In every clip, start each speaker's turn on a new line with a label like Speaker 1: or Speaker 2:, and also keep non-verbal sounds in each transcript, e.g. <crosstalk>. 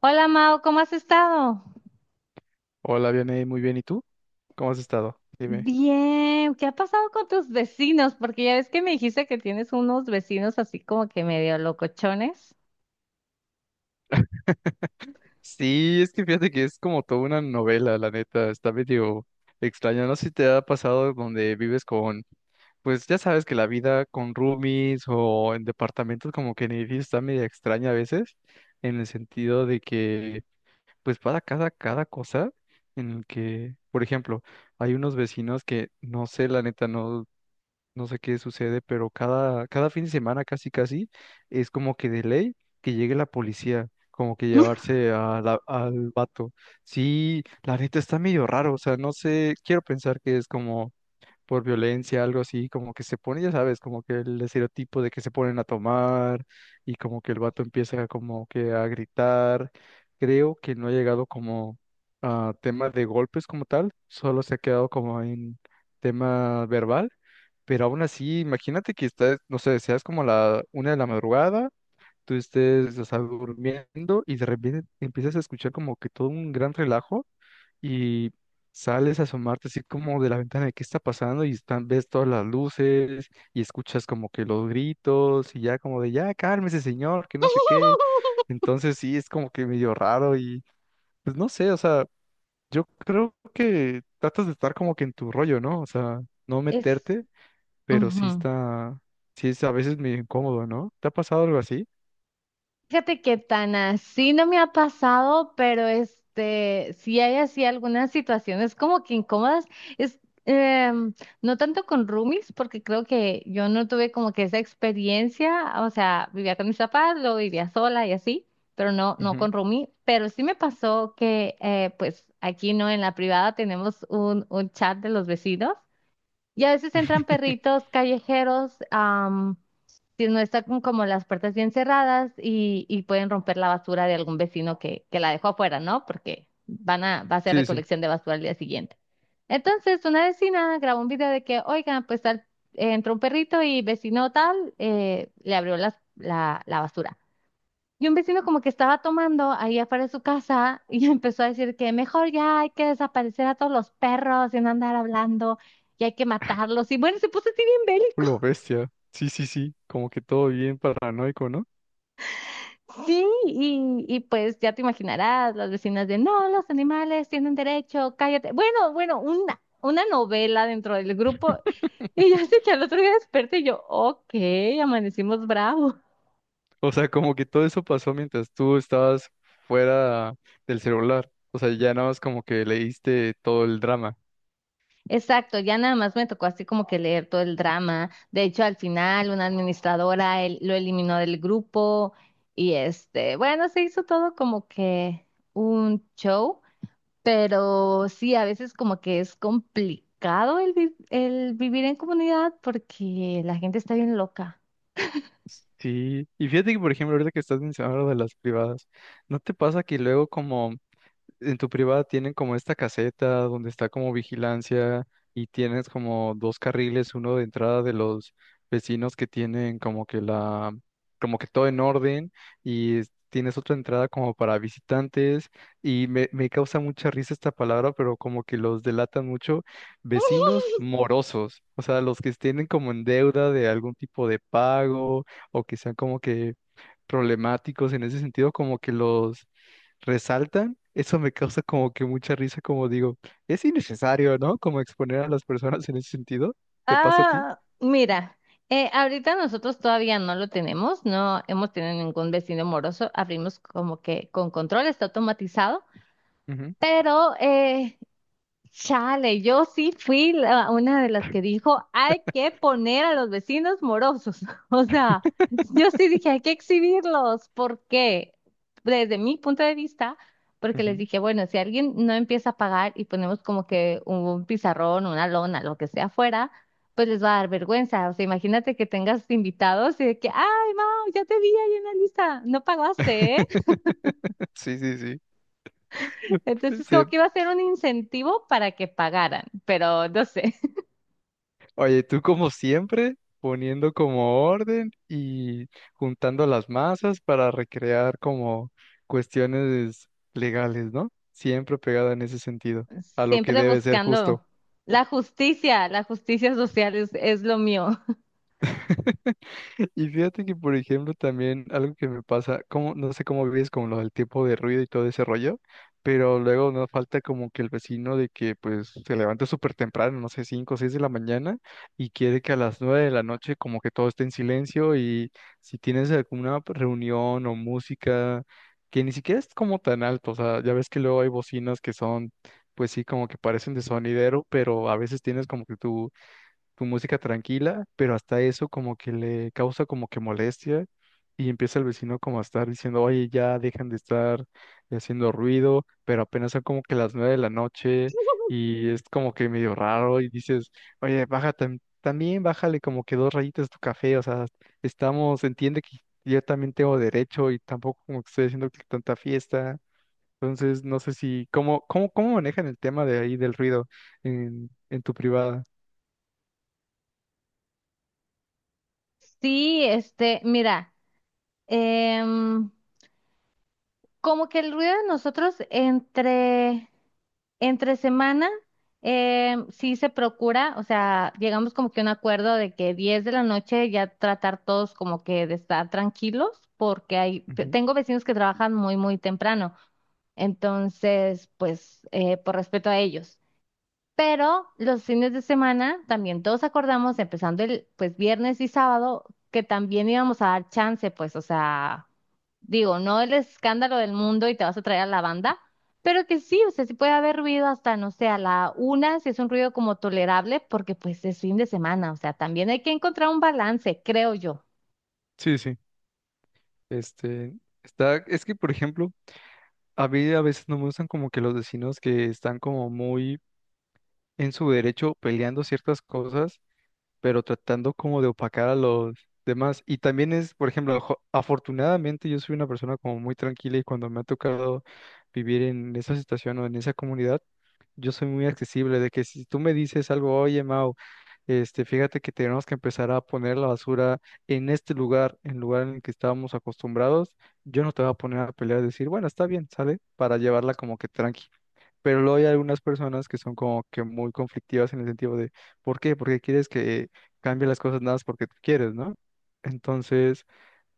Speaker 1: Hola Mao, ¿cómo has estado?
Speaker 2: Hola, Vianey, muy bien. ¿Y tú? ¿Cómo has estado? Dime.
Speaker 1: Bien, ¿qué ha pasado con tus vecinos? Porque ya ves que me dijiste que tienes unos vecinos así como que medio locochones.
Speaker 2: Sí, es que fíjate que es como toda una novela, la neta, está medio extraño. No sé si te ha pasado donde vives con, pues ya sabes que la vida con roomies o en departamentos como que en edificios está medio extraña a veces, en el sentido de que pues para cada cosa en el que, por ejemplo, hay unos vecinos que no sé, la neta, no. No sé qué sucede, pero cada fin de semana casi casi es como que de ley que llegue la policía, como que
Speaker 1: <laughs>
Speaker 2: llevarse al vato. Sí, la neta está medio raro, o sea, no sé, quiero pensar que es como por violencia, algo así, como que se pone, ya sabes, como que el estereotipo de que se ponen a tomar y como que el vato empieza como que a gritar. Creo que no ha llegado como a tema de golpes como tal, solo se ha quedado como en tema verbal, pero aún así, imagínate que estás, no sé, seas como la una de la madrugada. Tú estés, o sea, durmiendo y de repente empiezas a escuchar como que todo un gran relajo y sales a asomarte así como de la ventana de qué está pasando y están, ves todas las luces y escuchas como que los gritos y ya como de ya cálmese señor, que no sé qué. Entonces sí, es como que medio raro y pues no sé, o sea, yo creo que tratas de estar como que en tu rollo, ¿no? O sea, no
Speaker 1: Es.
Speaker 2: meterte, pero sí está, sí es a veces medio incómodo, ¿no? ¿Te ha pasado algo así?
Speaker 1: Fíjate que tan así no me ha pasado, pero sí hay así algunas situaciones como que incómodas. Es, em, no tanto con roomies, porque creo que yo no tuve como que esa experiencia, o sea, vivía con mis papás, luego vivía sola y así, pero no, no
Speaker 2: Ujú.
Speaker 1: con roomie. Pero sí me pasó que, pues aquí no, en la privada tenemos un chat de los vecinos y a veces entran
Speaker 2: <laughs>
Speaker 1: perritos callejeros, si no está como las puertas bien cerradas y pueden romper la basura de algún vecino que la dejó afuera, ¿no? Porque va a hacer
Speaker 2: Sí, sí.
Speaker 1: recolección de basura al día siguiente. Entonces, una vecina grabó un video de que, oigan, pues tal, entró un perrito y vecino tal le abrió la basura. Y un vecino como que estaba tomando ahí afuera de su casa y <laughs> empezó a decir que mejor ya hay que desaparecer a todos los perros y no andar hablando y hay que matarlos. Y bueno, se puso así bien bélico.
Speaker 2: Lo bestia. Sí, sí, sí. Como que todo bien paranoico, ¿no?
Speaker 1: Sí, y pues ya te imaginarás, las vecinas de, no, los animales tienen derecho, cállate. Bueno, bueno, una novela dentro del grupo. Y ya sé que al otro día desperté y yo, ok, amanecimos bravos.
Speaker 2: O sea, como que todo eso pasó mientras tú estabas fuera del celular. O sea, ya nada más como que leíste todo el drama.
Speaker 1: Exacto, ya nada más me tocó así como que leer todo el drama. De hecho, al final una administradora lo eliminó del grupo y bueno, se hizo todo como que un show. Pero sí, a veces como que es complicado el vivir en comunidad porque la gente está bien loca.
Speaker 2: Sí. Y fíjate que, por ejemplo, ahorita que estás mencionando lo de las privadas, ¿no te pasa que luego como en tu privada tienen como esta caseta donde está como vigilancia y tienes como dos carriles, uno de entrada de los vecinos que tienen como que la, como que todo en orden y es- tienes otra entrada como para visitantes y me causa mucha risa esta palabra, pero como que los delatan mucho,
Speaker 1: <laughs>
Speaker 2: vecinos morosos, o sea, los que estén como en deuda de algún tipo de pago o que sean como que problemáticos en ese sentido, como que los resaltan, eso me causa como que mucha risa, como digo, es innecesario, ¿no? Como exponer a las personas en ese sentido. ¿Te pasa a ti?
Speaker 1: Ah, mira, ahorita nosotros todavía no lo tenemos, no hemos tenido ningún vecino moroso, abrimos como que con control, está automatizado,
Speaker 2: Ujú,
Speaker 1: pero chale, yo sí fui una de las que dijo, hay que poner a los vecinos morosos. <laughs> O sea, yo sí dije, hay que exhibirlos. ¿Por qué? Desde mi punto de vista, porque les
Speaker 2: ujú.
Speaker 1: dije, bueno, si alguien no empieza a pagar y ponemos como que un pizarrón, una lona, lo que sea afuera, pues les va a dar vergüenza. O sea, imagínate que tengas invitados y de que, ay, Mau, ya te vi ahí en la lista, no pagaste, ¿eh?
Speaker 2: <laughs> Sí, sí, sí.
Speaker 1: Entonces,
Speaker 2: Sí.
Speaker 1: como que iba a ser un incentivo para que pagaran, pero no sé.
Speaker 2: Oye, tú como siempre, poniendo como orden y juntando las masas para recrear como cuestiones legales, ¿no? Siempre pegada en ese sentido, a lo que
Speaker 1: Siempre
Speaker 2: debe ser justo.
Speaker 1: buscando la justicia social es lo mío. <laughs>
Speaker 2: <laughs> Y fíjate que, por ejemplo, también algo que me pasa, como, no sé cómo vives con lo del tiempo de ruido y todo ese rollo, pero luego nos falta como que el vecino de que pues se levanta súper temprano, no sé, 5 o 6 de la mañana, y quiere que a las 9 de la noche como que todo esté en silencio y si tienes alguna reunión o música, que ni siquiera es como tan alto, o sea, ya ves que luego hay bocinas que son, pues sí, como que parecen de sonidero, pero a veces tienes como que tu música tranquila, pero hasta eso como que le causa como que molestia y empieza el vecino como a estar diciendo, oye, ya dejan de estar haciendo ruido, pero apenas son como que las 9 de la noche y es como que medio raro y dices, oye, baja también, bájale como que dos rayitas tu café, o sea, estamos, entiende que yo también tengo derecho y tampoco como que estoy haciendo que tanta fiesta. Entonces, no sé si, ¿cómo manejan el tema de ahí del ruido en tu privada?
Speaker 1: Sí, mira, em, como que el ruido de nosotros entre semana, sí se procura, o sea, llegamos como que a un acuerdo de que 10 de la noche ya tratar todos como que de estar tranquilos, porque hay,
Speaker 2: Ujú.
Speaker 1: tengo vecinos que trabajan muy, muy temprano, entonces, pues, por respeto a ellos. Pero los fines de semana también todos acordamos, empezando el pues viernes y sábado, que también íbamos a dar chance, pues, o sea, digo, no el escándalo del mundo y te vas a traer a la banda, pero que sí, o sea, sí puede haber ruido hasta, no sé, a la una, si es un ruido como tolerable, porque pues es fin de semana, o sea, también hay que encontrar un balance, creo yo.
Speaker 2: Sí, sí. Este, está, es que, por ejemplo, a mí a veces no me gustan como que los vecinos que están como muy en su derecho peleando ciertas cosas pero tratando como de opacar a los demás. Y también es, por ejemplo, afortunadamente yo soy una persona como muy tranquila y cuando me ha tocado vivir en esa situación o en esa comunidad, yo soy muy accesible, de que si tú me dices algo, oye, Mau, este, fíjate que tenemos que empezar a poner la basura en este lugar en el que estábamos acostumbrados, yo no te voy a poner a pelear y decir, bueno, está bien, ¿sale? Para llevarla como que tranqui. Pero luego hay algunas personas que son como que muy conflictivas en el sentido de, ¿por qué? Porque quieres que cambie las cosas nada más porque tú quieres, ¿no? Entonces,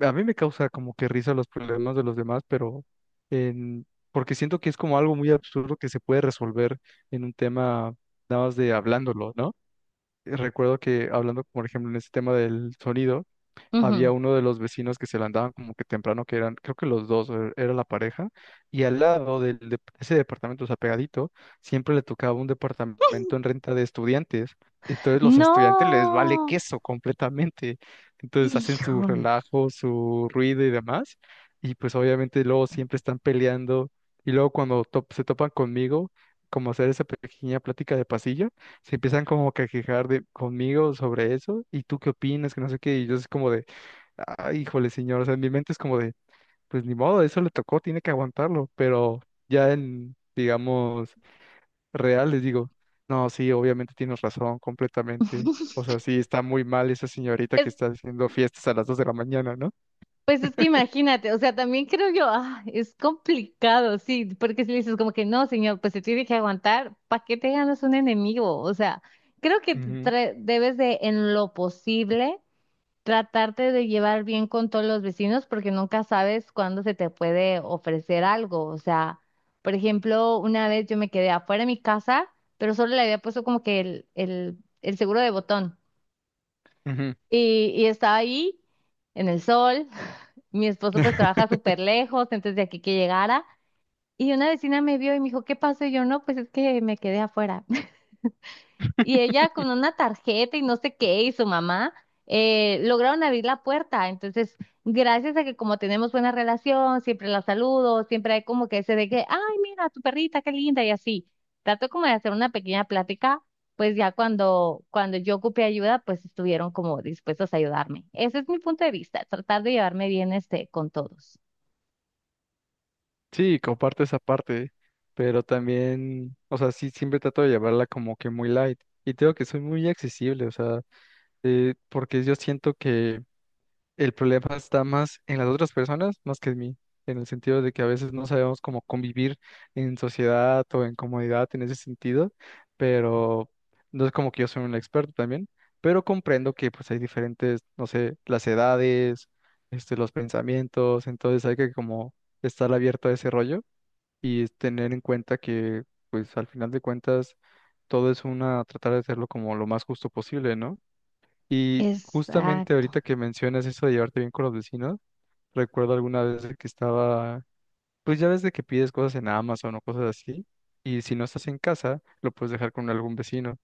Speaker 2: a mí me causa como que risa los problemas de los demás, pero en, porque siento que es como algo muy absurdo que se puede resolver en un tema nada más de hablándolo, ¿no? Recuerdo que hablando, por ejemplo, en este tema del sonido, había
Speaker 1: Ujú.
Speaker 2: uno de los vecinos que se la andaban como que temprano, que eran, creo que los dos, era la pareja, y al lado del de ese departamento, o sea, pegadito, siempre le tocaba un departamento en renta de estudiantes. Entonces los estudiantes les vale
Speaker 1: No,
Speaker 2: queso completamente. Entonces hacen su
Speaker 1: hijo.
Speaker 2: relajo, su ruido y demás. Y pues obviamente luego siempre están peleando. Y luego cuando se topan conmigo, como hacer esa pequeña plática de pasillo, se empiezan como que a quejar de, conmigo sobre eso, y tú qué opinas, que no sé qué, y yo es como de, ay, híjole, señor, o sea, en mi mente es como de, pues ni modo, eso le tocó, tiene que aguantarlo, pero ya en, digamos, real les digo, no, sí, obviamente tienes razón, completamente. O sea, sí, está muy mal esa señorita que está haciendo fiestas a las 2 de la mañana, ¿no?
Speaker 1: Pues es que imagínate, o sea, también creo yo, ah, es complicado, sí, porque si le dices como que no, señor, pues se tiene que aguantar, ¿para qué te ganas un enemigo? O sea, creo que
Speaker 2: Ujú,
Speaker 1: debes de, en lo posible, tratarte de llevar bien con todos los vecinos porque nunca sabes cuándo se te puede ofrecer algo. O sea, por ejemplo, una vez yo me quedé afuera de mi casa, pero solo le había puesto como que el seguro de botón.
Speaker 2: ujú.
Speaker 1: Y estaba ahí en el sol. <laughs> Mi esposo pues trabaja
Speaker 2: <laughs>
Speaker 1: súper lejos, entonces de aquí que llegara. Y una vecina me vio y me dijo, ¿qué pasó? Y yo, no, pues es que me quedé afuera. Y ella con una tarjeta y no sé qué, y su mamá, lograron abrir la puerta. Entonces, gracias a que como tenemos buena relación, siempre la saludo, siempre hay como que ese de que, ay, mira, tu perrita, qué linda, y así. Trato como de hacer una pequeña plática, pues ya cuando yo ocupé ayuda, pues estuvieron como dispuestos a ayudarme. Ese es mi punto de vista, tratar de llevarme bien este con todos.
Speaker 2: Sí, comparto esa parte, ¿eh? Pero también, o sea, sí, siempre trato de llevarla como que muy light. Y tengo que soy muy accesible, o sea, porque yo siento que el problema está más en las otras personas, más que en mí, en el sentido de que a veces no sabemos cómo convivir en sociedad o en comodidad en ese sentido, pero no es como que yo soy un experto también, pero comprendo que pues hay diferentes, no sé, las edades, este, los pensamientos, entonces hay que como estar abierto a ese rollo y tener en cuenta que pues al final de cuentas todo es una, tratar de hacerlo como lo más justo posible, ¿no? Y justamente
Speaker 1: Exacto.
Speaker 2: ahorita que mencionas eso de llevarte bien con los vecinos, recuerdo alguna vez de que estaba, pues ya ves de que pides cosas en Amazon o cosas así, y si no estás en casa, lo puedes dejar con algún vecino.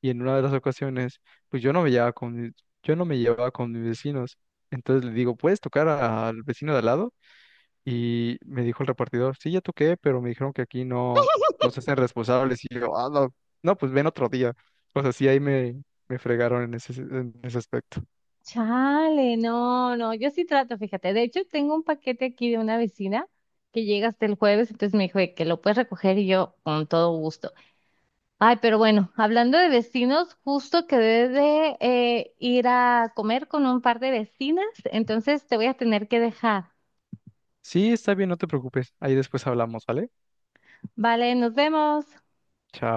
Speaker 2: Y en una de las ocasiones, pues yo no me llevaba con, mi- yo no me llevaba con mis vecinos. Entonces le digo, ¿puedes tocar al vecino de al lado? Y me dijo el repartidor, sí, ya toqué, pero me dijeron que aquí no, no se hacen responsables. Y yo, ah, no, no, pues ven otro día. O sea, sí, ahí me fregaron en ese aspecto.
Speaker 1: Chale, no, no, yo sí trato, fíjate. De hecho, tengo un paquete aquí de una vecina que llega hasta el jueves, entonces me dijo de que lo puedes recoger y yo con todo gusto. Ay, pero bueno, hablando de vecinos, justo quedé de ir a comer con un par de vecinas, entonces te voy a tener que dejar.
Speaker 2: Sí, está bien, no te preocupes. Ahí después hablamos, ¿vale?
Speaker 1: Vale, nos vemos.
Speaker 2: Chao.